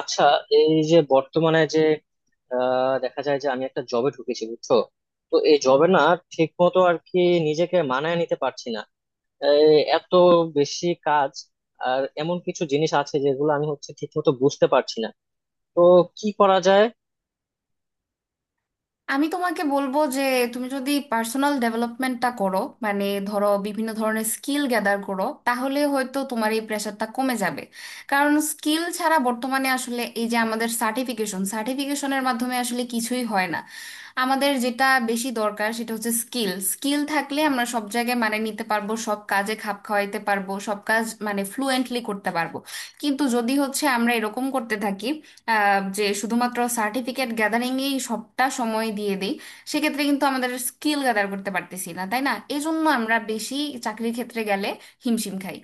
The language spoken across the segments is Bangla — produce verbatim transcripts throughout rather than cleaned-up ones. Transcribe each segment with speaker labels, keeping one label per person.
Speaker 1: আচ্ছা, এই যে বর্তমানে যে আহ, দেখা যায় যে আমি একটা জবে ঢুকেছি, বুঝছো? তো এই জবে না ঠিক মতো আর কি নিজেকে মানায় নিতে পারছি না। এই এত বেশি কাজ, আর এমন কিছু জিনিস আছে যেগুলো আমি হচ্ছে ঠিক মতো বুঝতে পারছি না। তো কি করা যায়?
Speaker 2: আমি তোমাকে বলবো যে তুমি যদি পার্সোনাল ডেভেলপমেন্টটা করো, মানে ধরো বিভিন্ন ধরনের স্কিল গ্যাদার করো, তাহলে হয়তো তোমার এই প্রেশারটা কমে যাবে। কারণ স্কিল ছাড়া বর্তমানে আসলে এই যে আমাদের সার্টিফিকেশন সার্টিফিকেশনের মাধ্যমে আসলে কিছুই হয় না। আমাদের যেটা বেশি দরকার সেটা হচ্ছে স্কিল। স্কিল থাকলে আমরা সব জায়গায় মানে নিতে পারবো, সব কাজে খাপ খাওয়াইতে পারবো, সব কাজ মানে ফ্লুয়েন্টলি করতে পারবো। কিন্তু যদি হচ্ছে আমরা এরকম করতে থাকি, আহ, যে শুধুমাত্র সার্টিফিকেট গ্যাদারিংয়েই সবটা সময় দিয়ে দিই, সেক্ষেত্রে কিন্তু আমাদের স্কিল গ্যাদার করতে পারতেছি না, তাই না? এই জন্য আমরা বেশি চাকরির ক্ষেত্রে গেলে হিমশিম খাই।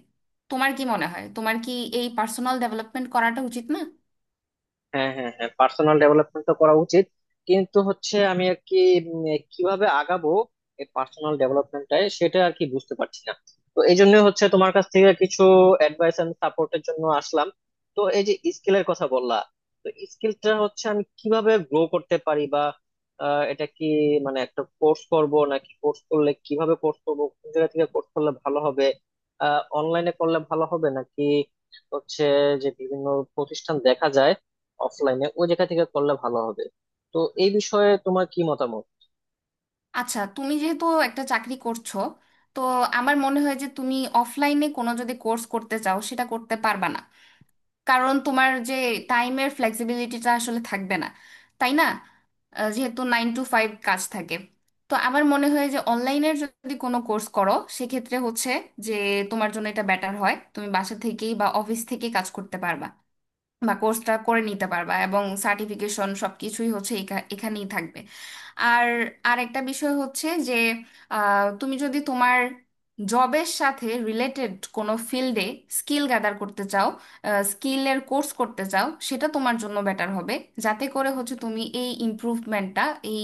Speaker 2: তোমার কি মনে হয়, তোমার কি এই পার্সোনাল ডেভেলপমেন্ট করাটা উচিত না?
Speaker 1: হ্যাঁ, হ্যাঁ, হ্যাঁ, পার্সোনাল ডেভেলপমেন্ট তো করা উচিত, কিন্তু হচ্ছে আমি আর কি উম, কিভাবে আগাবো এই পার্সোনাল ডেভেলপমেন্টটায়, সেটা আর কি বুঝতে পারছি না। তো এই জন্য হচ্ছে তোমার কাছ থেকে কিছু অ্যাডভাইস এন্ড সাপোর্টের জন্য আসলাম। তো এই যে স্কিলের কথা বললা, তো স্কিলটা হচ্ছে আমি কিভাবে গ্রো করতে পারি, বা আহ, এটা কি মানে একটা কোর্স করব, নাকি কোর্স করলে কিভাবে কোর্স করব, কোন জায়গা থেকে কোর্স করলে ভালো হবে? আহ, অনলাইনে করলে ভালো হবে, নাকি হচ্ছে যে বিভিন্ন প্রতিষ্ঠান দেখা যায়, অফলাইনে ওই জায়গা থেকে করলে ভালো হবে? তো এই বিষয়ে তোমার কি মতামত?
Speaker 2: আচ্ছা, তুমি যেহেতু একটা চাকরি করছো, তো আমার মনে হয় যে তুমি অফলাইনে কোনো যদি কোর্স করতে চাও সেটা করতে পারবা না, কারণ তোমার যে টাইমের ফ্লেক্সিবিলিটিটা আসলে থাকবে না, তাই না? আহ, যেহেতু নাইন টু ফাইভ কাজ থাকে, তো আমার মনে হয় যে অনলাইনের যদি কোনো কোর্স করো, সেক্ষেত্রে হচ্ছে যে তোমার জন্য এটা বেটার হয়। তুমি বাসা থেকেই বা অফিস থেকেই কাজ করতে পারবা বা কোর্সটা করে নিতে পারবা, এবং সার্টিফিকেশন সবকিছুই হচ্ছে এখা- এখানেই থাকবে। আর আরেকটা বিষয় হচ্ছে যে আহ, তুমি যদি তোমার জবের সাথে রিলেটেড কোনো ফিল্ডে স্কিল গ্যাদার করতে চাও, স্কিলের কোর্স করতে চাও, সেটা তোমার জন্য বেটার হবে। যাতে করে হচ্ছে তুমি এই ইমপ্রুভমেন্টটা, এই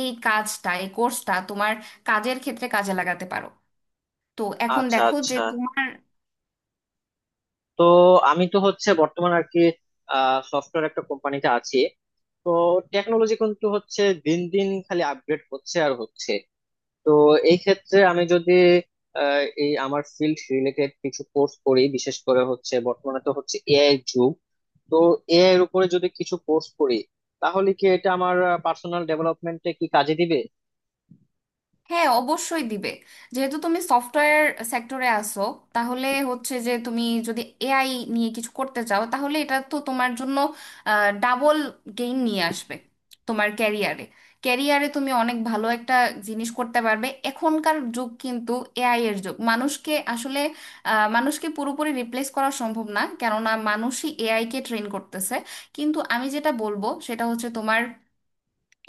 Speaker 2: এই কাজটা, এই কোর্সটা তোমার কাজের ক্ষেত্রে কাজে লাগাতে পারো। তো এখন
Speaker 1: আচ্ছা,
Speaker 2: দেখো যে
Speaker 1: আচ্ছা।
Speaker 2: তোমার
Speaker 1: তো আমি তো হচ্ছে বর্তমানে আর কি সফটওয়্যার একটা কোম্পানিতে আছি। তো টেকনোলজি কিন্তু হচ্ছে দিন দিন খালি আপগ্রেড হচ্ছে আর হচ্ছে। তো এই ক্ষেত্রে আমি যদি আহ, এই আমার ফিল্ড রিলেটেড কিছু কোর্স করি, বিশেষ করে হচ্ছে বর্তমানে তো হচ্ছে এ আই যুগ। তো এ আই এর উপরে যদি কিছু কোর্স করি, তাহলে কি এটা আমার পার্সোনাল ডেভেলপমেন্টে কি কাজে দিবে?
Speaker 2: হ্যাঁ, অবশ্যই দিবে। যেহেতু তুমি সফটওয়্যার সেক্টরে আসো, তাহলে হচ্ছে যে তুমি যদি এআই নিয়ে কিছু করতে চাও, তাহলে এটা তো তোমার জন্য ডাবল গেইন নিয়ে আসবে তোমার ক্যারিয়ারে। ক্যারিয়ারে তুমি অনেক ভালো একটা জিনিস করতে পারবে। এখনকার যুগ কিন্তু এআই এর যুগ। মানুষকে আসলে আহ, মানুষকে পুরোপুরি রিপ্লেস করা সম্ভব না, কেননা মানুষই এআই কে ট্রেন করতেছে। কিন্তু আমি যেটা বলবো সেটা হচ্ছে তোমার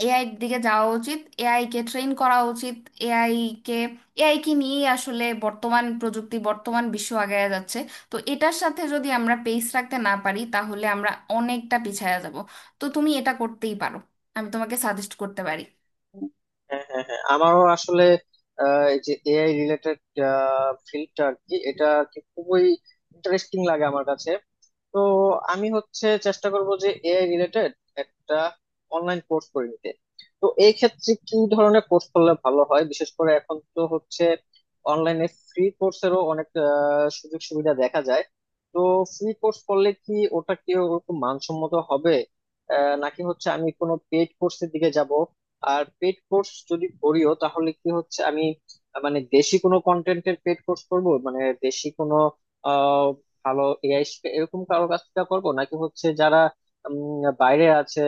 Speaker 2: এআই এর দিকে যাওয়া উচিত, এআই কে ট্রেন করা উচিত। এআই কে এআই কে নিয়েই আসলে বর্তমান প্রযুক্তি বর্তমান বিশ্ব আগায়া যাচ্ছে। তো এটার সাথে যদি আমরা পেস রাখতে না পারি, তাহলে আমরা অনেকটা পিছায়া যাব। তো তুমি এটা করতেই পারো, আমি তোমাকে সাজেস্ট করতে পারি।
Speaker 1: হ্যাঁ, হ্যাঁ, হ্যাঁ, আমারও আসলে আহ, এই যে এ আই রিলেটেড ফিল্ডটা আর কি এটা আর কি খুবই ইন্টারেস্টিং লাগে আমার কাছে। তো আমি হচ্ছে চেষ্টা করব যে এ আই রিলেটেড একটা অনলাইন কোর্স করে নিতে। তো এই ক্ষেত্রে কি ধরনের কোর্স করলে ভালো হয়? বিশেষ করে এখন তো হচ্ছে অনলাইনে ফ্রি কোর্সেরও অনেক আহ, সুযোগ সুবিধা দেখা যায়। তো ফ্রি কোর্স করলে কি ওটা কি ওরকম মানসম্মত হবে? আহ, নাকি হচ্ছে আমি কোনো পেড কোর্সের দিকে যাব? আর পেড কোর্স যদি করিও, তাহলে কি হচ্ছে আমি আহ, মানে দেশি কোনো কন্টেন্টের পেড কোর্স করব? মানে দেশি কোনো ভালো এ আই এরকম কারোর কাছ থেকে করবো, নাকি হচ্ছে যারা উম, বাইরে আছে,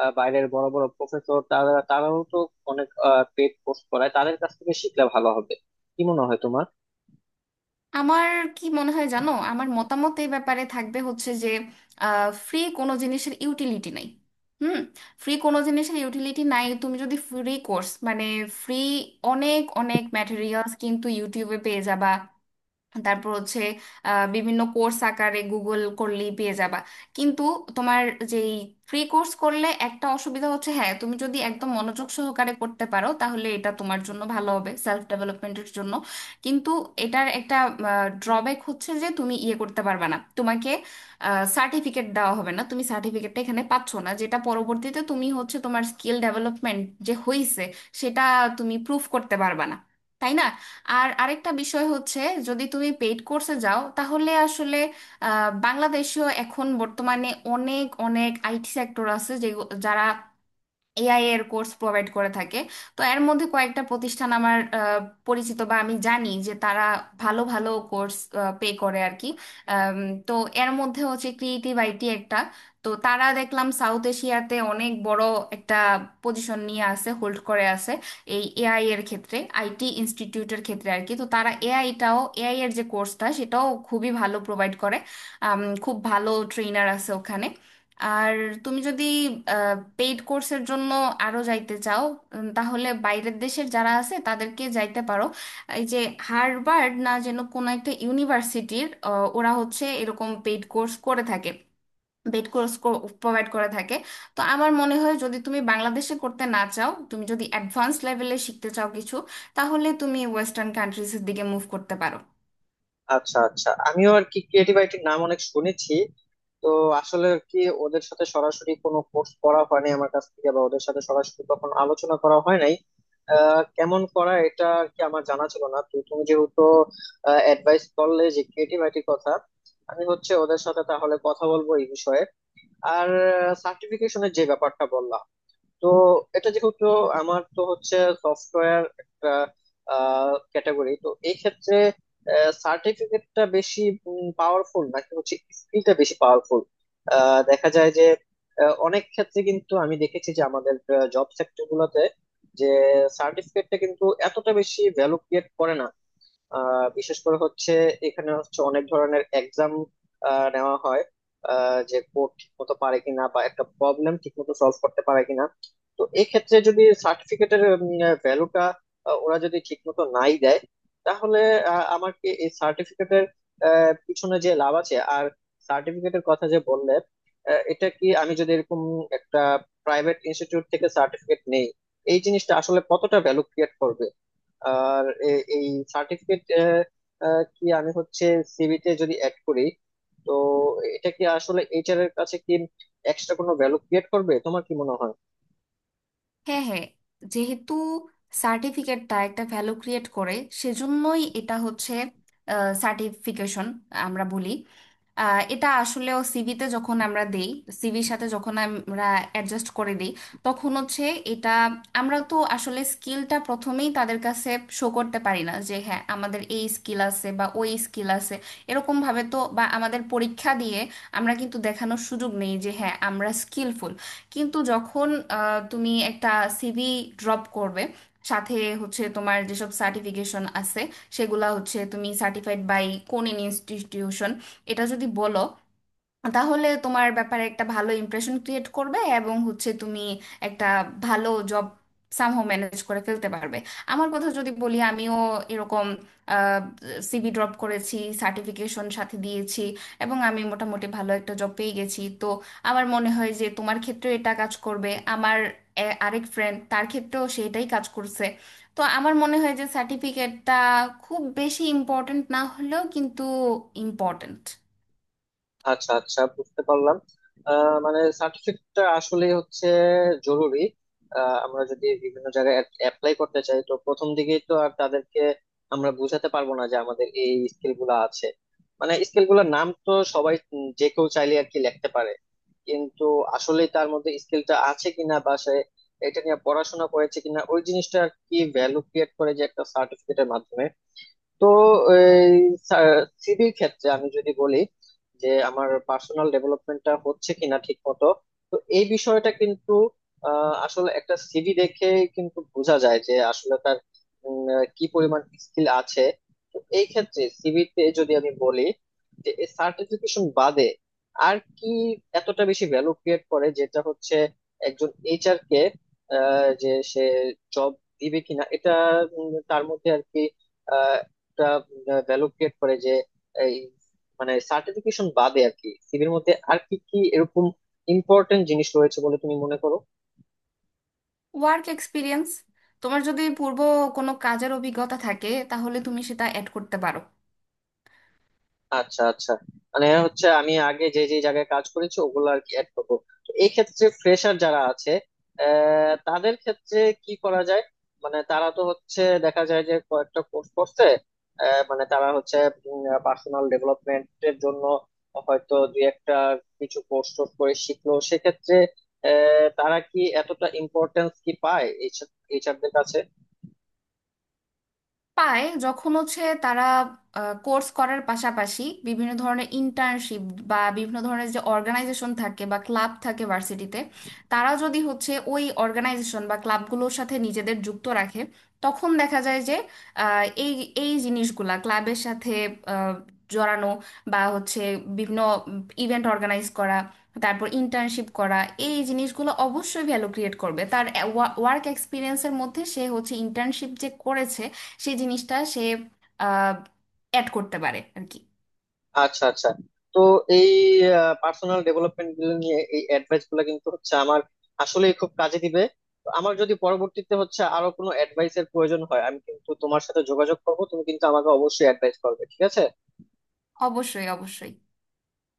Speaker 1: আহ, বাইরের বড় বড় প্রফেসর, তারা তারাও তো অনেক পেড কোর্স করায়, তাদের কাছ থেকে শিখলে ভালো হবে? কি মনে হয় তোমার?
Speaker 2: আমার কি মনে হয় জানো, আমার মতামত এই ব্যাপারে থাকবে হচ্ছে যে ফ্রি কোনো জিনিসের ইউটিলিটি নাই। হুম। ফ্রি কোনো জিনিসের ইউটিলিটি নাই। তুমি যদি ফ্রি কোর্স মানে ফ্রি, অনেক অনেক ম্যাটেরিয়ালস কিন্তু ইউটিউবে পেয়ে যাবা। তারপর হচ্ছে আহ, বিভিন্ন কোর্স আকারে গুগল করলেই পেয়ে যাবা। কিন্তু তোমার যেই ফ্রি কোর্স করলে একটা অসুবিধা হচ্ছে, হ্যাঁ তুমি যদি একদম মনোযোগ সহকারে করতে পারো তাহলে এটা তোমার জন্য ভালো হবে সেলফ ডেভেলপমেন্টের জন্য। কিন্তু এটার একটা ড্রব্যাক হচ্ছে যে তুমি ইয়ে করতে পারবে না, তোমাকে সার্টিফিকেট দেওয়া হবে না। তুমি সার্টিফিকেটটা এখানে পাচ্ছ না, যেটা পরবর্তীতে তুমি হচ্ছে তোমার স্কিল ডেভেলপমেন্ট যে হয়েছে সেটা তুমি প্রুফ করতে পারবে না, তাই না? আর আরেকটা বিষয় হচ্ছে, যদি তুমি পেইড কোর্সে যাও তাহলে আসলে আহ, বাংলাদেশেও এখন বর্তমানে অনেক অনেক আইটি সেক্টর আছে যে যারা এআই এর কোর্স প্রোভাইড করে থাকে। তো এর মধ্যে কয়েকটা প্রতিষ্ঠান আমার আহ, পরিচিত বা আমি জানি যে তারা ভালো ভালো কোর্স পে করে আর কি। আম, তো এর মধ্যে হচ্ছে ক্রিয়েটিভ আইটি একটা। তো তারা দেখলাম সাউথ এশিয়াতে অনেক বড় একটা পজিশন নিয়ে আছে, হোল্ড করে আছে এই এআই এর ক্ষেত্রে, আইটি ইনস্টিটিউটের ক্ষেত্রে আর কি। তো তারা এআইটাও, এআই এর যে কোর্সটা সেটাও খুবই ভালো প্রোভাইড করে। আম, খুব ভালো ট্রেনার আছে ওখানে। আর তুমি যদি পেইড কোর্সের জন্য আরো যাইতে চাও, উম, তাহলে বাইরের দেশের যারা আছে তাদেরকে যাইতে পারো। এই যে হার্ভার্ড না যেন কোনো একটা ইউনিভার্সিটির, ওরা হচ্ছে এরকম পেইড কোর্স করে থাকে, পেইড কোর্স প্রোভাইড করে থাকে। তো আমার মনে হয় যদি তুমি বাংলাদেশে করতে না চাও, তুমি যদি অ্যাডভান্স লেভেলে শিখতে চাও কিছু, তাহলে তুমি ওয়েস্টার্ন কান্ট্রিজের দিকে মুভ করতে পারো।
Speaker 1: আচ্ছা, আচ্ছা। আমিও আর কি ক্রিয়েটিভ রাইটিং নাম অনেক শুনেছি। তো আসলে কি ওদের সাথে সরাসরি কোনো কোর্স করা হয়নি আমার কাছ থেকে, বা ওদের সাথে সরাসরি কখনো আলোচনা করা হয় নাই। আহ, কেমন করা এটা কি আমার জানা ছিল না। তো তুমি যেহেতু অ্যাডভাইস করলে যে ক্রিয়েটিভ আইটির কথা, আমি হচ্ছে ওদের সাথে তাহলে কথা বলবো এই বিষয়ে। আর সার্টিফিকেশনের যে ব্যাপারটা বললাম, তো এটা যেহেতু আমার তো হচ্ছে সফটওয়্যার একটা ক্যাটাগরি, তো এই ক্ষেত্রে সার্টিফিকেটটা বেশি পাওয়ারফুল, নাকি হচ্ছে স্কিলটা বেশি পাওয়ারফুল? দেখা যায় যে আহ, অনেক ক্ষেত্রে কিন্তু আমি দেখেছি যে আমাদের জব সেক্টর গুলোতে যে সার্টিফিকেটটা কিন্তু এতটা বেশি ভ্যালু ক্রিয়েট করে না। আহ বিশেষ করে হচ্ছে এখানে হচ্ছে অনেক ধরনের এক্সাম নেওয়া হয়, আহ যে কোড ঠিক মতো পারে কিনা, বা একটা প্রবলেম ঠিক মতো সলভ করতে পারে কিনা। তো এক্ষেত্রে যদি সার্টিফিকেটের ভ্যালুটা ওরা যদি ঠিক মতো নাই দেয়, তাহলে আহ, আমার কি এই সার্টিফিকেটের পিছনে যে লাভ আছে? আর সার্টিফিকেটের কথা যে বললে, আহ, এটা কি আমি যদি এরকম একটা প্রাইভেট ইনস্টিটিউট থেকে সার্টিফিকেট নেই, এই জিনিসটা আসলে কতটা ভ্যালু ক্রিয়েট করবে? আর এ- এই সার্টিফিকেট কি আমি হচ্ছে সিভিতে যদি অ্যাড করি, তো এটা কি আসলে এইচ আর এর কাছে কি এক্সট্রা কোনো ভ্যালু ক্রিয়েট করবে? তোমার কি মনে হয়?
Speaker 2: হ্যাঁ, হ্যাঁ। যেহেতু সার্টিফিকেটটা একটা ভ্যালু ক্রিয়েট করে, সেজন্যই এটা হচ্ছে সার্টিফিকেশন আমরা বলি। আহ, এটা আসলেও সিভিতে যখন আমরা দেই, সিভির সাথে যখন আমরা অ্যাডজাস্ট করে দিই, তখন হচ্ছে এটা আমরা তো আসলে স্কিলটা প্রথমেই তাদের কাছে শো করতে পারি না যে হ্যাঁ আমাদের এই স্কিল আছে বা ওই স্কিল আছে এরকম ভাবে তো, বা আমাদের পরীক্ষা দিয়ে আমরা কিন্তু দেখানোর সুযোগ নেই যে হ্যাঁ আমরা স্কিলফুল। কিন্তু যখন আহ, তুমি একটা সিভি ড্রপ করবে, সাথে হচ্ছে তোমার যেসব সার্টিফিকেশন আছে সেগুলা হচ্ছে তুমি সার্টিফাইড বাই কোন ইনস্টিটিউশন, এটা যদি বলো, তাহলে তোমার ব্যাপারে একটা ভালো ইমপ্রেশন ক্রিয়েট করবে এবং হচ্ছে তুমি একটা ভালো জব সামহাও ম্যানেজ করে ফেলতে পারবে। আমার কথা যদি বলি, আমিও এরকম সিভি ড্রপ করেছি, সার্টিফিকেশন সাথে দিয়েছি এবং আমি মোটামুটি ভালো একটা জব পেয়ে গেছি। তো আমার মনে হয় যে তোমার ক্ষেত্রেও এটা কাজ করবে। আমার এ- আরেক ফ্রেন্ড, তার ক্ষেত্রেও সেটাই কাজ করছে। তো আমার মনে হয় যে সার্টিফিকেটটা খুব বেশি ইম্পর্ট্যান্ট না হলেও কিন্তু ইম্পর্ট্যান্ট।
Speaker 1: আচ্ছা, আচ্ছা, বুঝতে পারলাম। আহ, মানে সার্টিফিকেটটা আসলে হচ্ছে জরুরি। আহ, আমরা যদি বিভিন্ন জায়গায় অ্যাপ্লাই করতে চাই, তো প্রথম দিকেই তো আর তাদেরকে আমরা বোঝাতে পারবো না যে আমাদের এই স্কিল গুলা আছে। মানে স্কিল গুলার নাম তো সবাই উম, যে কেউ চাইলে আর কি লিখতে পারে। কিন্তু আসলে তার মধ্যে স্কিলটা আছে কিনা, বা সে এটা নিয়ে পড়াশোনা করেছে কিনা, ওই জিনিসটা আর কি ভ্যালু ক্রিয়েট করে, যে একটা সার্টিফিকেটের মাধ্যমে। তো এই সিভির ক্ষেত্রে আমি যদি বলি যে আমার পার্সোনাল ডেভেলপমেন্টটা হচ্ছে কিনা ঠিক মতো, তো এই বিষয়টা কিন্তু আহ, আসলে একটা সিভি দেখে কিন্তু বোঝা যায় যে আসলে তার উম, আহ, কি পরিমাণ স্কিল আছে। তো এই ক্ষেত্রে সিভিতে যদি আমি বলি যে সার্টিফিকেশন বাদে আর কি এতটা বেশি ভ্যালু ক্রিয়েট করে, যেটা হচ্ছে একজন এইচ আর কে আহ, যে সে জব দিবে কিনা, এটা উম, তার মধ্যে আর কি একটা ভ্যালু ক্রিয়েট করে। যে এই মানে সার্টিফিকেশন বাদে আর কি সিভির মধ্যে আর কি কি এরকম ইম্পর্টেন্ট জিনিস রয়েছে বলে তুমি মনে করো?
Speaker 2: ওয়ার্ক এক্সপিরিয়েন্স, তোমার যদি পূর্ব কোনো কাজের অভিজ্ঞতা থাকে তাহলে তুমি সেটা অ্যাড করতে পারো।
Speaker 1: আচ্ছা, আচ্ছা, মানে হচ্ছে আমি আগে যে যে জায়গায় কাজ করেছি ওগুলো আর কি অ্যাড করবো। তো এই ক্ষেত্রে ফ্রেশার যারা আছে, আহ, তাদের ক্ষেত্রে কি করা যায়? মানে তারা তো হচ্ছে দেখা যায় যে কয়েকটা কোর্স করছে, আহ, মানে তারা হচ্ছে পার্সোনাল ডেভেলপমেন্টের জন্য হয়তো দুই একটা কিছু কোর্স টোর্স করে শিখলো, সেক্ষেত্রে আহ, তারা কি এতটা ইম্পর্টেন্স কি পায় এইচ আর দের কাছে?
Speaker 2: পায় যখন হচ্ছে তারা কোর্স করার পাশাপাশি বিভিন্ন ধরনের ইন্টার্নশিপ বা বিভিন্ন ধরনের যে অর্গানাইজেশন থাকে বা ক্লাব থাকে ভার্সিটিতে, তারা যদি হচ্ছে ওই অর্গানাইজেশন বা ক্লাবগুলোর সাথে নিজেদের যুক্ত রাখে, তখন দেখা যায় যে আহ, এই এই জিনিসগুলা ক্লাবের সাথে আহ, জড়ানো, বা হচ্ছে বিভিন্ন ইভেন্ট অর্গানাইজ করা, তারপর ইন্টার্নশিপ করা, এই জিনিসগুলো অবশ্যই ভ্যালু ক্রিয়েট করবে তার ওয়ার্ক এক্সপিরিয়েন্সের মধ্যে। সে হচ্ছে ইন্টার্নশিপ যে করেছে সেই জিনিসটা সে আহ অ্যাড করতে পারে আর কি।
Speaker 1: আচ্ছা, আচ্ছা। তো এই পার্সোনাল ডেভেলপমেন্ট গুলো নিয়ে এই অ্যাডভাইস গুলো কিন্তু হচ্ছে আমার আসলেই খুব কাজে দিবে। তো আমার যদি পরবর্তীতে হচ্ছে আরো কোনো অ্যাডভাইস এর প্রয়োজন হয়, আমি কিন্তু তোমার সাথে যোগাযোগ করবো। তুমি কিন্তু আমাকে অবশ্যই অ্যাডভাইস করবে, ঠিক আছে?
Speaker 2: অবশ্যই, অবশ্যই।